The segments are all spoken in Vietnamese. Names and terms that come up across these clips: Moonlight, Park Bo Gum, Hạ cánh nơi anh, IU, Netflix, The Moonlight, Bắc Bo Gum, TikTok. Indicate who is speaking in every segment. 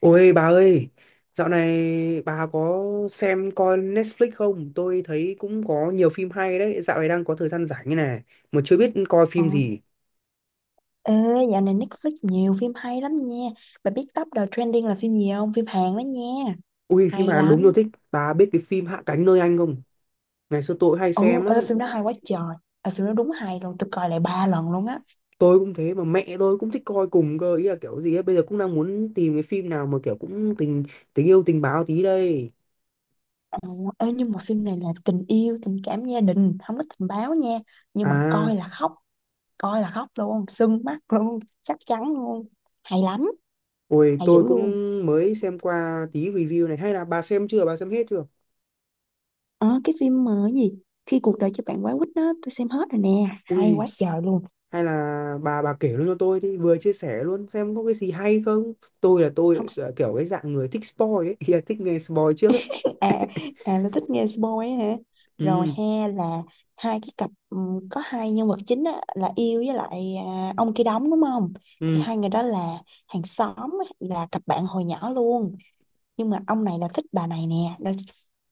Speaker 1: Ôi bà ơi, dạo này bà có xem coi Netflix không? Tôi thấy cũng có nhiều phim hay đấy, dạo này đang có thời gian rảnh như này, mà chưa biết coi
Speaker 2: Ờ.
Speaker 1: phim gì.
Speaker 2: Ê, dạo này Netflix nhiều phim hay lắm nha. Bà biết Top đầu Trending là phim gì không? Phim Hàn đó nha.
Speaker 1: Ui, phim
Speaker 2: Hay
Speaker 1: Hàn đúng tôi
Speaker 2: lắm.
Speaker 1: thích, bà biết cái phim Hạ cánh nơi anh không? Ngày xưa tôi cũng hay
Speaker 2: Ồ,
Speaker 1: xem
Speaker 2: ê,
Speaker 1: lắm,
Speaker 2: phim đó hay quá trời. Ờ, phim đó đúng hay luôn. Tôi coi lại ba lần luôn á.
Speaker 1: tôi cũng thế mà mẹ tôi cũng thích coi cùng cơ, ý là kiểu gì ấy, bây giờ cũng đang muốn tìm cái phim nào mà kiểu cũng tình tình yêu tình báo tí đây.
Speaker 2: Ờ, ê, nhưng mà phim này là tình yêu, tình cảm gia đình. Không có tình báo nha. Nhưng mà
Speaker 1: À,
Speaker 2: coi là khóc. Coi là khóc luôn. Sưng mắt luôn. Chắc chắn luôn. Hay lắm.
Speaker 1: ôi
Speaker 2: Hay dữ
Speaker 1: tôi cũng
Speaker 2: luôn.
Speaker 1: mới xem qua tí review này, hay là bà xem chưa, bà xem hết chưa?
Speaker 2: Ờ, cái phim mà cái gì? Khi cuộc đời cho bạn quá quýt đó, tôi xem hết rồi nè. Hay
Speaker 1: Ui,
Speaker 2: quá trời luôn.
Speaker 1: hay là bà kể luôn cho tôi đi, vừa chia sẻ luôn xem có cái gì hay không. tôi là
Speaker 2: Không,
Speaker 1: tôi là kiểu cái dạng người thích spoil ấy yeah, thích nghe spoil trước ấy.
Speaker 2: à à là thích nghe spoil ấy hả? Rồi
Speaker 1: Ừ,
Speaker 2: he, là hai cái cặp, có hai nhân vật chính á, là yêu với lại, à, ông kia đóng đúng không? Thì
Speaker 1: ừ.
Speaker 2: hai người đó là hàng xóm á, là cặp bạn hồi nhỏ luôn, nhưng mà ông này là thích bà này nè, là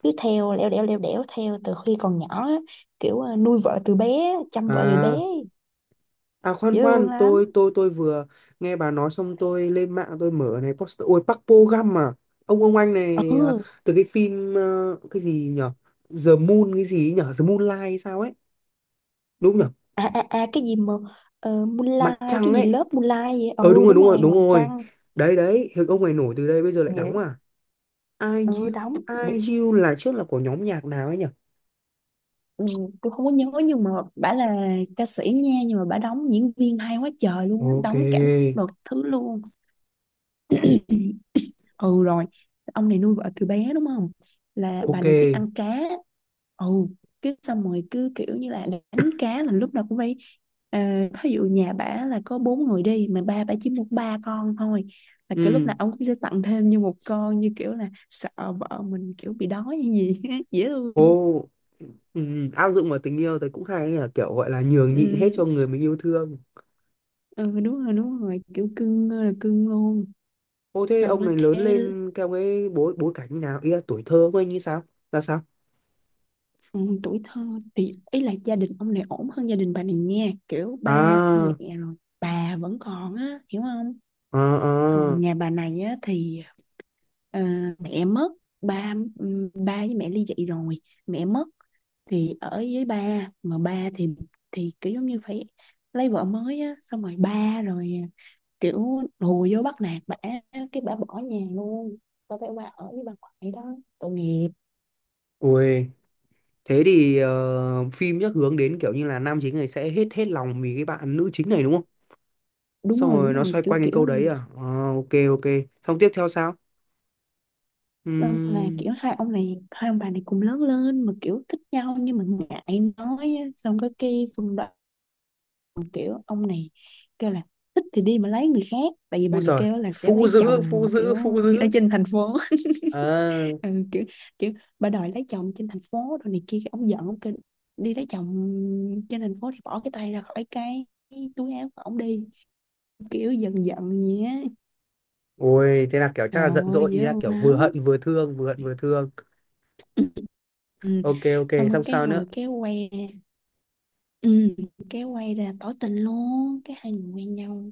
Speaker 2: cứ theo lẻo đẻo theo từ khi còn nhỏ á, kiểu à, nuôi vợ từ bé chăm vợ từ bé,
Speaker 1: À, à, khoan
Speaker 2: dễ thương
Speaker 1: khoan,
Speaker 2: lắm.
Speaker 1: tôi vừa nghe bà nói xong tôi lên mạng tôi mở này poster, ôi Park Bo Gum à, ông anh này à,
Speaker 2: Ừ,
Speaker 1: từ cái phim cái gì nhở, The Moon cái gì ấy nhở, The Moonlight hay sao ấy, đúng nhở,
Speaker 2: à cái gì mà
Speaker 1: mặt
Speaker 2: Moonlight cái
Speaker 1: trăng
Speaker 2: gì,
Speaker 1: ấy.
Speaker 2: lớp Moonlight vậy. Ừ,
Speaker 1: Đúng rồi,
Speaker 2: đúng
Speaker 1: đúng rồi,
Speaker 2: rồi,
Speaker 1: đúng
Speaker 2: mặt
Speaker 1: rồi.
Speaker 2: trăng.
Speaker 1: Đấy đấy, thì ông này nổi từ đây, bây giờ lại
Speaker 2: Dễ.
Speaker 1: đóng à,
Speaker 2: Ừ,
Speaker 1: IU.
Speaker 2: đóng.
Speaker 1: IU là trước là của nhóm nhạc nào ấy nhỉ?
Speaker 2: Ừ, tôi không có nhớ nhưng mà bả là ca sĩ nha, nhưng mà bả đóng diễn viên hay quá trời luôn á,
Speaker 1: Ok,
Speaker 2: đóng cảm xúc thứ luôn. Ừ rồi, ông này nuôi vợ từ bé đúng không, là bà
Speaker 1: ok.
Speaker 2: này thích ăn cá. Ừ, cái xong rồi cứ kiểu như là đánh cá là lúc nào cũng phải, à, thí dụ nhà bả là có bốn người đi mà ba bả chỉ mua ba con thôi, là kiểu lúc
Speaker 1: Ừ,
Speaker 2: nào ông cũng sẽ tặng thêm như một con, như kiểu là sợ vợ mình kiểu bị đói hay gì. Dễ thương.
Speaker 1: ô, ừ. Áp dụng vào tình yêu thì cũng hay ấy nhỉ, kiểu gọi là nhường nhịn hết
Speaker 2: Ừ.
Speaker 1: cho người mình yêu thương.
Speaker 2: Ừ đúng rồi đúng rồi, kiểu cưng ơi là cưng luôn.
Speaker 1: Ô, thế
Speaker 2: Xong
Speaker 1: ông
Speaker 2: á
Speaker 1: này lớn
Speaker 2: cái,
Speaker 1: lên theo cái bối bối cảnh như nào, ý là tuổi thơ của anh như sao, ra sao?
Speaker 2: ừ, tuổi thơ thì ý là gia đình ông này ổn hơn gia đình bà này nha, kiểu ba
Speaker 1: À,
Speaker 2: mẹ rồi bà vẫn còn á, hiểu không?
Speaker 1: à, à.
Speaker 2: Còn nhà bà này á thì, ờ, mẹ mất, ba, ừ, ba với mẹ ly dị rồi, mẹ mất, thì ở với ba mà ba thì kiểu giống như phải lấy vợ mới á, xong rồi ba rồi kiểu hùa vô bắt nạt bả, cái bả bỏ nhà luôn, bà phải qua ở với bà ngoại đó, tội nghiệp.
Speaker 1: Ui, thế thì phim chắc hướng đến kiểu như là nam chính này sẽ hết hết lòng vì cái bạn nữ chính này đúng không?
Speaker 2: Đúng
Speaker 1: Xong
Speaker 2: rồi
Speaker 1: rồi
Speaker 2: đúng
Speaker 1: nó
Speaker 2: rồi,
Speaker 1: xoay
Speaker 2: kiểu
Speaker 1: quanh cái
Speaker 2: kiểu
Speaker 1: câu
Speaker 2: là
Speaker 1: đấy
Speaker 2: gì?
Speaker 1: à? Ờ, ok, ok, xong tiếp theo sao?
Speaker 2: Nên là
Speaker 1: Ừm,
Speaker 2: kiểu hai ông này, hai ông bà này cùng lớn lên mà kiểu thích nhau nhưng mà ngại nói á. Xong có cái phần đó, kiểu ông này kêu là thích thì đi mà lấy người khác, tại vì bà
Speaker 1: Úi
Speaker 2: này
Speaker 1: giời,
Speaker 2: kêu là sẽ
Speaker 1: phụ
Speaker 2: lấy
Speaker 1: dữ,
Speaker 2: chồng
Speaker 1: phụ
Speaker 2: kiểu
Speaker 1: dữ, phụ
Speaker 2: ở
Speaker 1: dữ.
Speaker 2: trên thành phố.
Speaker 1: À,
Speaker 2: Ừ, kiểu kiểu bà đòi lấy chồng trên thành phố rồi này kia, cái ông giận, ông kêu đi lấy chồng trên thành phố thì bỏ cái tay ra khỏi cái túi áo của ông đi, kiểu giận giận gì á.
Speaker 1: ôi, thế là kiểu chắc là giận
Speaker 2: Rồi
Speaker 1: dỗi, ý
Speaker 2: dữ
Speaker 1: là kiểu vừa
Speaker 2: lắm.
Speaker 1: hận vừa thương, vừa hận vừa thương.
Speaker 2: Ừ. Ừ.
Speaker 1: Ok, ok,
Speaker 2: Xong rồi
Speaker 1: xong
Speaker 2: cái
Speaker 1: sao nữa?
Speaker 2: hồi kéo quay ra, ừ, kéo quay ra tỏ tình luôn, cái hai người quen nhau.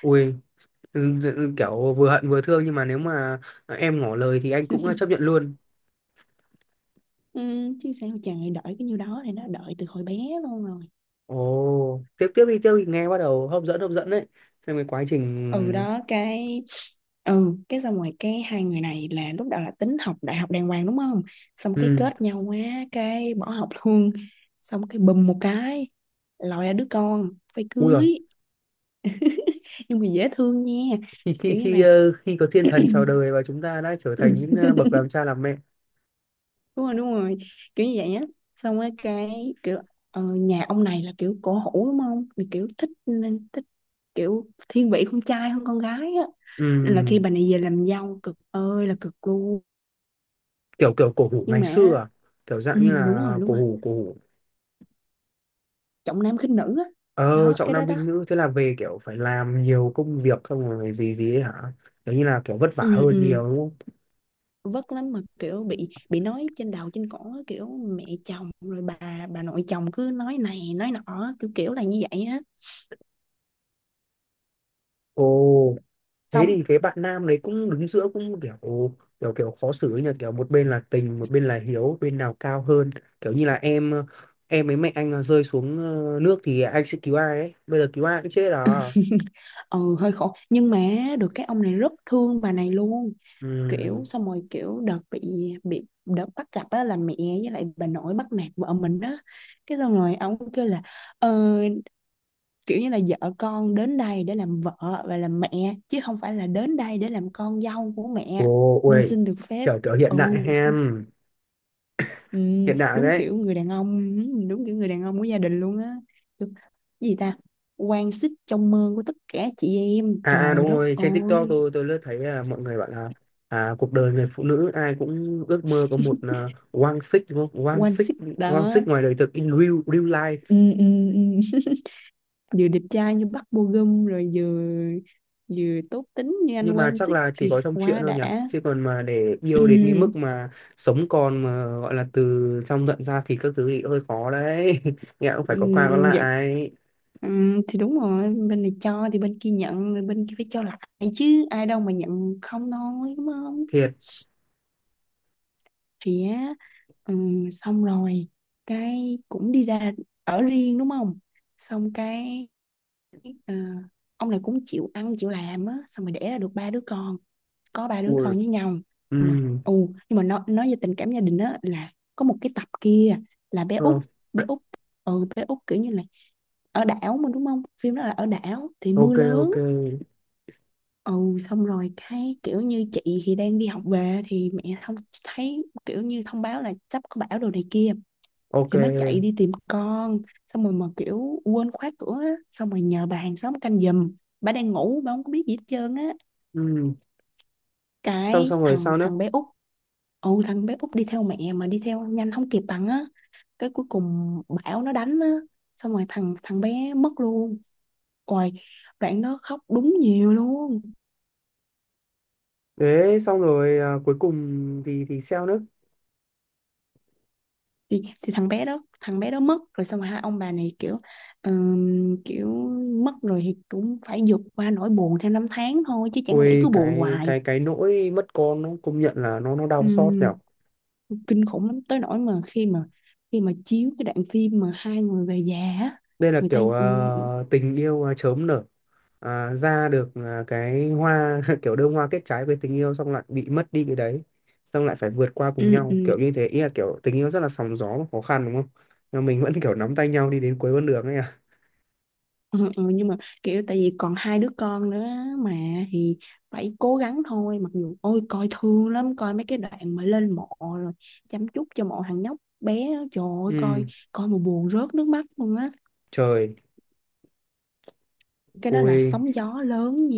Speaker 1: Ui, ừ, kiểu vừa hận vừa thương, nhưng mà nếu mà em ngỏ lời thì anh cũng chấp nhận luôn.
Speaker 2: Ừ. Chứ sao chàng đợi cái nhiêu đó, thì nó đợi từ hồi bé luôn rồi.
Speaker 1: Ồ, tiếp tiếp đi, nghe bắt đầu hấp dẫn đấy. Xem cái quá
Speaker 2: Ừ
Speaker 1: trình.
Speaker 2: đó cái, ừ cái xong rồi cái hai người này là lúc đầu là tính học đại học đàng hoàng đúng không, xong cái
Speaker 1: Ừ,
Speaker 2: kết nhau quá cái bỏ học luôn, xong cái bùm một cái lòi ra đứa con phải
Speaker 1: ui giời,
Speaker 2: cưới, nhưng mà dễ thương nha, kiểu như là
Speaker 1: khi có thiên thần chào đời và chúng ta đã trở
Speaker 2: ừ,
Speaker 1: thành những bậc làm cha làm mẹ.
Speaker 2: đúng rồi đúng rồi, kiểu như vậy á. Xong rồi cái kiểu, ờ, nhà ông này là kiểu cổ hủ đúng không, thì kiểu thích nên thích, kiểu thiên vị con trai hơn con gái á, nên là khi
Speaker 1: Ừ,
Speaker 2: bà này về làm dâu cực ơi là cực,
Speaker 1: kiểu kiểu cổ hủ
Speaker 2: nhưng
Speaker 1: ngày xưa
Speaker 2: mà
Speaker 1: à? Kiểu dạng
Speaker 2: ừ,
Speaker 1: như
Speaker 2: đúng
Speaker 1: là
Speaker 2: rồi đúng
Speaker 1: cổ
Speaker 2: rồi,
Speaker 1: hủ, cổ hủ.
Speaker 2: trọng nam khinh nữ á.
Speaker 1: Ờ,
Speaker 2: Đó
Speaker 1: trọng
Speaker 2: cái đó
Speaker 1: nam
Speaker 2: đó.
Speaker 1: khinh nữ, thế là về kiểu phải làm nhiều công việc không, rồi gì gì ấy hả? Kiểu như là kiểu vất vả
Speaker 2: Ừ,
Speaker 1: hơn nhiều
Speaker 2: ừ.
Speaker 1: đúng không?
Speaker 2: Vất lắm, mà kiểu bị nói trên đầu trên cổ á, kiểu mẹ chồng rồi bà nội chồng cứ nói này nói nọ á, kiểu kiểu là như vậy á.
Speaker 1: Ồ, thế
Speaker 2: Xong.
Speaker 1: thì cái bạn nam đấy cũng đứng giữa, cũng kiểu kiểu kiểu khó xử ấy nhỉ, kiểu một bên là tình, một bên là hiếu, bên nào cao hơn, kiểu như là em với mẹ anh rơi xuống nước thì anh sẽ cứu ai ấy, bây giờ cứu ai cũng chết à.
Speaker 2: Ừ, hơi khổ nhưng mà được cái ông này rất thương bà này luôn,
Speaker 1: Ừ.
Speaker 2: kiểu xong rồi kiểu đợt bị đợt bắt gặp á, là mẹ với lại bà nội bắt nạt vợ mình á, cái xong rồi ông kêu là ờ, kiểu như là vợ con đến đây để làm vợ và làm mẹ chứ không phải là đến đây để làm con dâu của mẹ,
Speaker 1: Ồ,
Speaker 2: nên
Speaker 1: ôi,
Speaker 2: xin được phép.
Speaker 1: kiểu kiểu hiện đại
Speaker 2: Ồ xin-,
Speaker 1: hem,
Speaker 2: ừ,
Speaker 1: hiện đại
Speaker 2: đúng
Speaker 1: đấy.
Speaker 2: kiểu người đàn ông, ừ, đúng kiểu người đàn ông của gia đình luôn á. Kiểu, cái gì ta, quan xích trong mơ của tất cả chị em,
Speaker 1: À, à đúng
Speaker 2: trời đất
Speaker 1: rồi, trên TikTok
Speaker 2: ơi.
Speaker 1: tôi lướt thấy mọi người bảo là cuộc đời người phụ nữ ai cũng ước mơ có một quang xích đúng không?
Speaker 2: Quan xích
Speaker 1: Quang
Speaker 2: đó.
Speaker 1: xích ngoài đời thực, in real real life.
Speaker 2: Ừ, ừ, ừ. Vừa đẹp trai như Bắc Bo Gum rồi vừa, vừa tốt tính như anh
Speaker 1: Nhưng mà
Speaker 2: quan
Speaker 1: chắc
Speaker 2: xích
Speaker 1: là chỉ
Speaker 2: thì
Speaker 1: có trong chuyện
Speaker 2: quá
Speaker 1: thôi nhỉ.
Speaker 2: đã.
Speaker 1: Chứ còn mà để
Speaker 2: Ừ.
Speaker 1: yêu đến cái mức mà sống còn mà gọi là từ trong giận ra thì các thứ thì hơi khó đấy. Nghe cũng phải có qua có
Speaker 2: Dạ.
Speaker 1: lại.
Speaker 2: Thì đúng rồi, bên này cho thì bên kia nhận, rồi bên kia phải cho lại, chứ ai đâu mà nhận không thôi đúng không?
Speaker 1: Thiệt.
Speaker 2: Thì á, xong rồi cái cũng đi ra ở riêng đúng không, xong cái ờ, ông này cũng chịu ăn chịu làm á, xong rồi đẻ ra được ba đứa con, có ba đứa
Speaker 1: Ui.
Speaker 2: con với nhau
Speaker 1: Ừ.
Speaker 2: mà. Ừ. Nhưng mà nó nói về tình cảm gia đình á, là có một cái tập kia là bé Út,
Speaker 1: Ờ,
Speaker 2: bé Út, ừ bé Út kiểu như là ở đảo mà đúng không, phim đó là ở đảo thì mưa
Speaker 1: ok, ok.
Speaker 2: lớn. Ừ, xong rồi cái kiểu như chị thì đang đi học về, thì mẹ không thấy, kiểu như thông báo là sắp có bão đồ này kia,
Speaker 1: Ok.
Speaker 2: thì mới chạy đi tìm con, xong rồi mà kiểu quên khóa cửa á, xong rồi nhờ bà hàng xóm canh giùm, bà đang ngủ, bà không có biết gì hết trơn á,
Speaker 1: Ừ. Xong
Speaker 2: cái
Speaker 1: xong rồi
Speaker 2: thằng
Speaker 1: sao nữa?
Speaker 2: thằng bé út. Ừ, thằng bé út đi theo mẹ mà đi theo nhanh không kịp bằng á, cái cuối cùng bão nó đánh á, xong rồi thằng thằng bé mất luôn. Ôi, đoạn đó khóc đúng nhiều luôn.
Speaker 1: Đấy, xong rồi à, cuối cùng thì sao nữa?
Speaker 2: Thì thằng bé đó, thằng bé đó mất rồi, xong rồi hai ông bà này kiểu, kiểu mất rồi thì cũng phải vượt qua nỗi buồn theo năm tháng thôi, chứ chẳng lẽ
Speaker 1: Ôi
Speaker 2: cứ buồn
Speaker 1: cái
Speaker 2: hoài.
Speaker 1: cái cái nỗi mất con nó công nhận là nó đau xót nhở.
Speaker 2: Kinh khủng lắm, tới nỗi mà khi mà khi mà chiếu cái đoạn phim mà hai người về già á,
Speaker 1: Đây là
Speaker 2: người ta
Speaker 1: kiểu tình yêu chớm nở. À, ra được cái hoa kiểu đơm hoa kết trái với tình yêu xong lại bị mất đi cái đấy. Xong lại phải vượt qua cùng
Speaker 2: ừm,
Speaker 1: nhau,
Speaker 2: ừm,
Speaker 1: kiểu như thế. Ý là kiểu tình yêu rất là sóng gió và khó khăn đúng không? Nhưng mà mình vẫn kiểu nắm tay nhau đi đến cuối con đường ấy à.
Speaker 2: ừ, ừ, nhưng mà kiểu tại vì còn hai đứa con nữa mà thì phải cố gắng thôi, mặc dù ôi coi thương lắm, coi mấy cái đoạn mà lên mộ rồi chăm chút cho mộ thằng nhóc bé đó, trời ơi,
Speaker 1: Ừ,
Speaker 2: coi, coi mà buồn rớt nước mắt luôn á.
Speaker 1: trời.
Speaker 2: Cái đó là
Speaker 1: Ui,
Speaker 2: sóng gió lớn nha,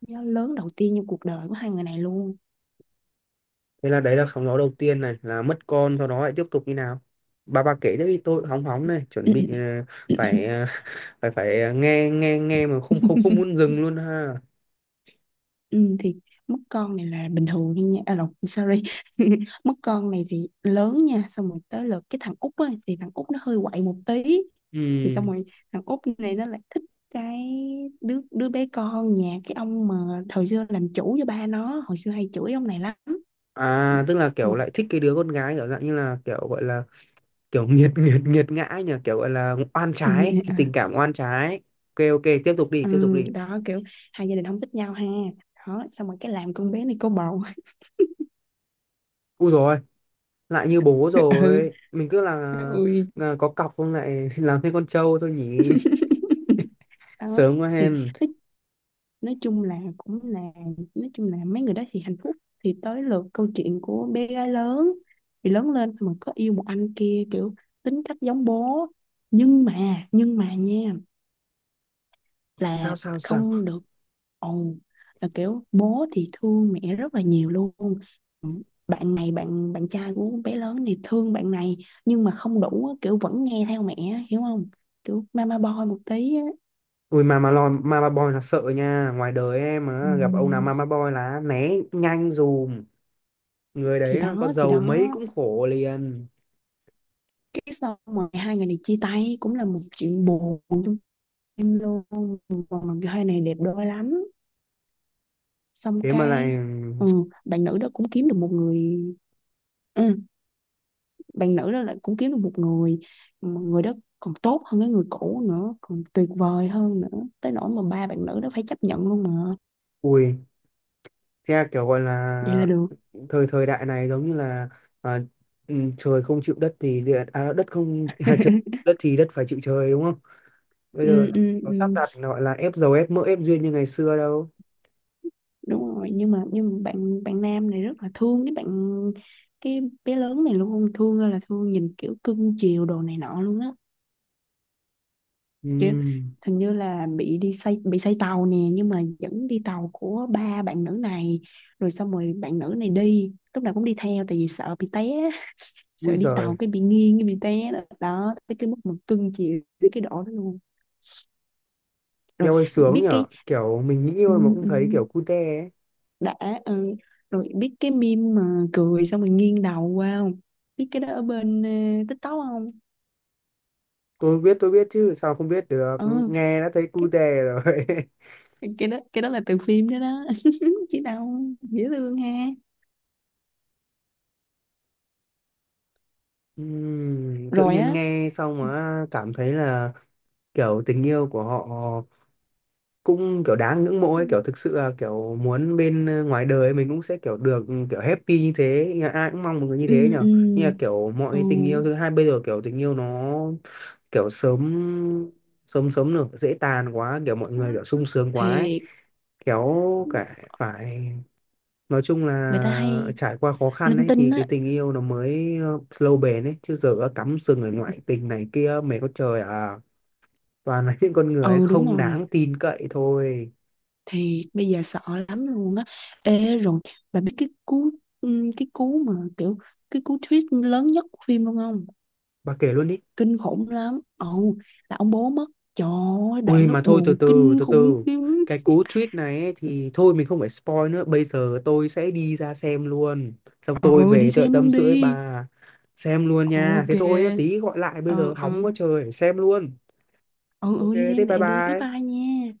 Speaker 2: sóng gió lớn đầu tiên trong cuộc đời của hai người này luôn.
Speaker 1: thế là đấy là sóng gió đầu tiên này là mất con, sau đó lại tiếp tục như nào, bà kể tiếp đi, tôi hóng hóng này, chuẩn
Speaker 2: Ừ,
Speaker 1: bị
Speaker 2: ừ.
Speaker 1: phải phải phải nghe nghe nghe mà không không không muốn dừng luôn ha.
Speaker 2: Ừ, thì mất con này là bình thường thôi nha, à, lộn, sorry. Mất con này thì lớn nha, xong rồi tới lượt cái thằng út á, thì thằng út nó hơi quậy một tí. Thì xong
Speaker 1: Ừ.
Speaker 2: rồi thằng út này nó lại thích cái đứa đứa bé con nhà cái ông mà thời xưa làm chủ cho ba nó, hồi xưa hay chửi ông này lắm
Speaker 1: À, tức là kiểu
Speaker 2: mà.
Speaker 1: lại thích cái đứa con gái, kiểu dạng như là kiểu gọi là kiểu nghiệt nghiệt nghiệt ngã ấy nhỉ, kiểu gọi là oan trái,
Speaker 2: À,
Speaker 1: tình cảm oan trái. Ok, ok, tiếp tục đi,
Speaker 2: ừ,
Speaker 1: tiếp tục đi.
Speaker 2: đó kiểu hai gia đình không thích nhau ha, đó xong rồi cái làm con bé này có bầu.
Speaker 1: Úi rồi, lại như bố
Speaker 2: Ừ,
Speaker 1: rồi mình cứ là,
Speaker 2: ui.
Speaker 1: là có cọc không lại làm thêm con trâu thôi nhỉ.
Speaker 2: Đó
Speaker 1: Sớm quá
Speaker 2: thì
Speaker 1: hen.
Speaker 2: nói chung là cũng là, nói chung là mấy người đó thì hạnh phúc. Thì tới lượt câu chuyện của bé gái lớn, thì lớn lên xong rồi có yêu một anh kia kiểu tính cách giống bố, nhưng mà nha,
Speaker 1: Sao
Speaker 2: là
Speaker 1: sao sao?
Speaker 2: không được, ồn, là kiểu bố thì thương mẹ rất là nhiều luôn, bạn này bạn bạn trai của bé lớn thì thương bạn này nhưng mà không đủ á, kiểu vẫn nghe theo mẹ á, hiểu không? Kiểu mama boy một tí á.
Speaker 1: Ui, Mama, Lon, Mama Boy là sợ nha. Ngoài đời em mà gặp ông nào
Speaker 2: Ừm,
Speaker 1: Mama Boy là né nhanh dùm. Người
Speaker 2: thì
Speaker 1: đấy có
Speaker 2: đó thì
Speaker 1: giàu
Speaker 2: đó,
Speaker 1: mấy cũng khổ liền.
Speaker 2: cái xong rồi hai người này chia tay cũng là một chuyện buồn trong em luôn, còn làm cho hai này đẹp đôi lắm, xong
Speaker 1: Thế mà lại.
Speaker 2: cái ừ, bạn nữ đó cũng kiếm được một người, ừ, bạn nữ đó lại cũng kiếm được một người mà người đó còn tốt hơn cái người cũ nữa, còn tuyệt vời hơn nữa, tới nỗi mà ba bạn nữ đó phải chấp nhận luôn mà.
Speaker 1: Ui. Thế kiểu gọi là,
Speaker 2: Vậy là được.
Speaker 1: Thời thời đại này giống như là à, ừ, trời không chịu đất thì địa, à, đất không trời, đất thì đất phải chịu trời đúng không? Bây giờ
Speaker 2: Ừ,
Speaker 1: làm gì
Speaker 2: ừ,
Speaker 1: có sắp
Speaker 2: ừ,
Speaker 1: đặt gọi là ép giàu ép mỡ ép duyên như ngày xưa đâu.
Speaker 2: đúng rồi, nhưng mà bạn bạn nam này rất là thương cái bạn, cái bé lớn này luôn, thương ơi là thương, nhìn kiểu cưng chiều đồ này nọ luôn á, kiểu
Speaker 1: Ừm.
Speaker 2: hình như là bị đi say, bị say tàu nè, nhưng mà vẫn đi tàu của ba bạn nữ này, rồi xong rồi bạn nữ này đi lúc nào cũng đi theo, tại vì sợ bị té. Sợ
Speaker 1: Ui
Speaker 2: đi tàu
Speaker 1: giời.
Speaker 2: cái bị nghiêng cái bị té đó, đó tới cái mức mà cưng chịu tới cái độ đó luôn. Rồi
Speaker 1: Eo ơi sướng
Speaker 2: biết
Speaker 1: nhở,
Speaker 2: cái,
Speaker 1: kiểu mình nghĩ
Speaker 2: ừ,
Speaker 1: thôi mà cũng
Speaker 2: ừ,
Speaker 1: thấy kiểu cute ấy.
Speaker 2: đã, ừ. Rồi biết cái meme mà cười xong rồi nghiêng đầu qua không, biết cái đó ở bên ờ, TikTok không?
Speaker 1: Tôi biết chứ, sao không biết được,
Speaker 2: Ừ,
Speaker 1: nghe đã thấy
Speaker 2: cái
Speaker 1: cu dè rồi.
Speaker 2: cái đó là từ phim đó đó. Chứ đâu dễ thương ha.
Speaker 1: Tự
Speaker 2: Rồi
Speaker 1: nhiên
Speaker 2: á.
Speaker 1: nghe xong
Speaker 2: Ừ
Speaker 1: mà cảm thấy là kiểu tình yêu của họ cũng kiểu đáng ngưỡng mộ ấy, kiểu thực sự là kiểu muốn bên ngoài đời mình cũng sẽ kiểu được kiểu happy như thế, nhà ai cũng mong một người như thế
Speaker 2: ừ
Speaker 1: nhở.
Speaker 2: ừ.
Speaker 1: Nhưng mà kiểu mọi cái tình yêu thứ hai bây giờ kiểu tình yêu nó kiểu sớm, sớm được dễ tàn quá, kiểu mọi người kiểu sung sướng quá ấy.
Speaker 2: Thì
Speaker 1: Kéo cả phải nói chung
Speaker 2: người ta
Speaker 1: là
Speaker 2: hay
Speaker 1: trải qua khó khăn
Speaker 2: linh
Speaker 1: ấy
Speaker 2: tinh
Speaker 1: thì cái
Speaker 2: á.
Speaker 1: tình yêu nó mới lâu bền ấy, chứ giờ đã cắm sừng ở ngoại tình này kia mày có trời à, toàn là những con người ấy
Speaker 2: Ừ đúng
Speaker 1: không
Speaker 2: rồi,
Speaker 1: đáng tin cậy thôi.
Speaker 2: thì bây giờ sợ lắm luôn á. Ê rồi, bà biết cái cú, ừ, cái cú mà kiểu, cái cú twist lớn nhất của phim luôn không?
Speaker 1: Bà kể luôn đi.
Speaker 2: Kinh khủng lắm. Ừ, là ông bố mất, trời ơi
Speaker 1: Ui
Speaker 2: đoạn nó
Speaker 1: mà thôi, từ
Speaker 2: buồn
Speaker 1: từ,
Speaker 2: kinh
Speaker 1: từ
Speaker 2: khủng
Speaker 1: từ,
Speaker 2: khiếp.
Speaker 1: cái cú tweet này ấy, thì thôi mình không phải spoil nữa, bây giờ tôi sẽ đi ra xem luôn, xong tôi
Speaker 2: Ừ, đi
Speaker 1: về tôi lại
Speaker 2: xem
Speaker 1: tâm
Speaker 2: luôn
Speaker 1: sự với
Speaker 2: đi.
Speaker 1: bà. Xem luôn nha,
Speaker 2: OK.
Speaker 1: thế thôi nhá, tí gọi lại, bây giờ
Speaker 2: Ừ
Speaker 1: hóng
Speaker 2: ừ,
Speaker 1: quá trời, xem luôn.
Speaker 2: ừ
Speaker 1: Ok,
Speaker 2: ừ, đi
Speaker 1: thế
Speaker 2: xem
Speaker 1: bye
Speaker 2: lẹ đi, bye
Speaker 1: bye.
Speaker 2: bye nha.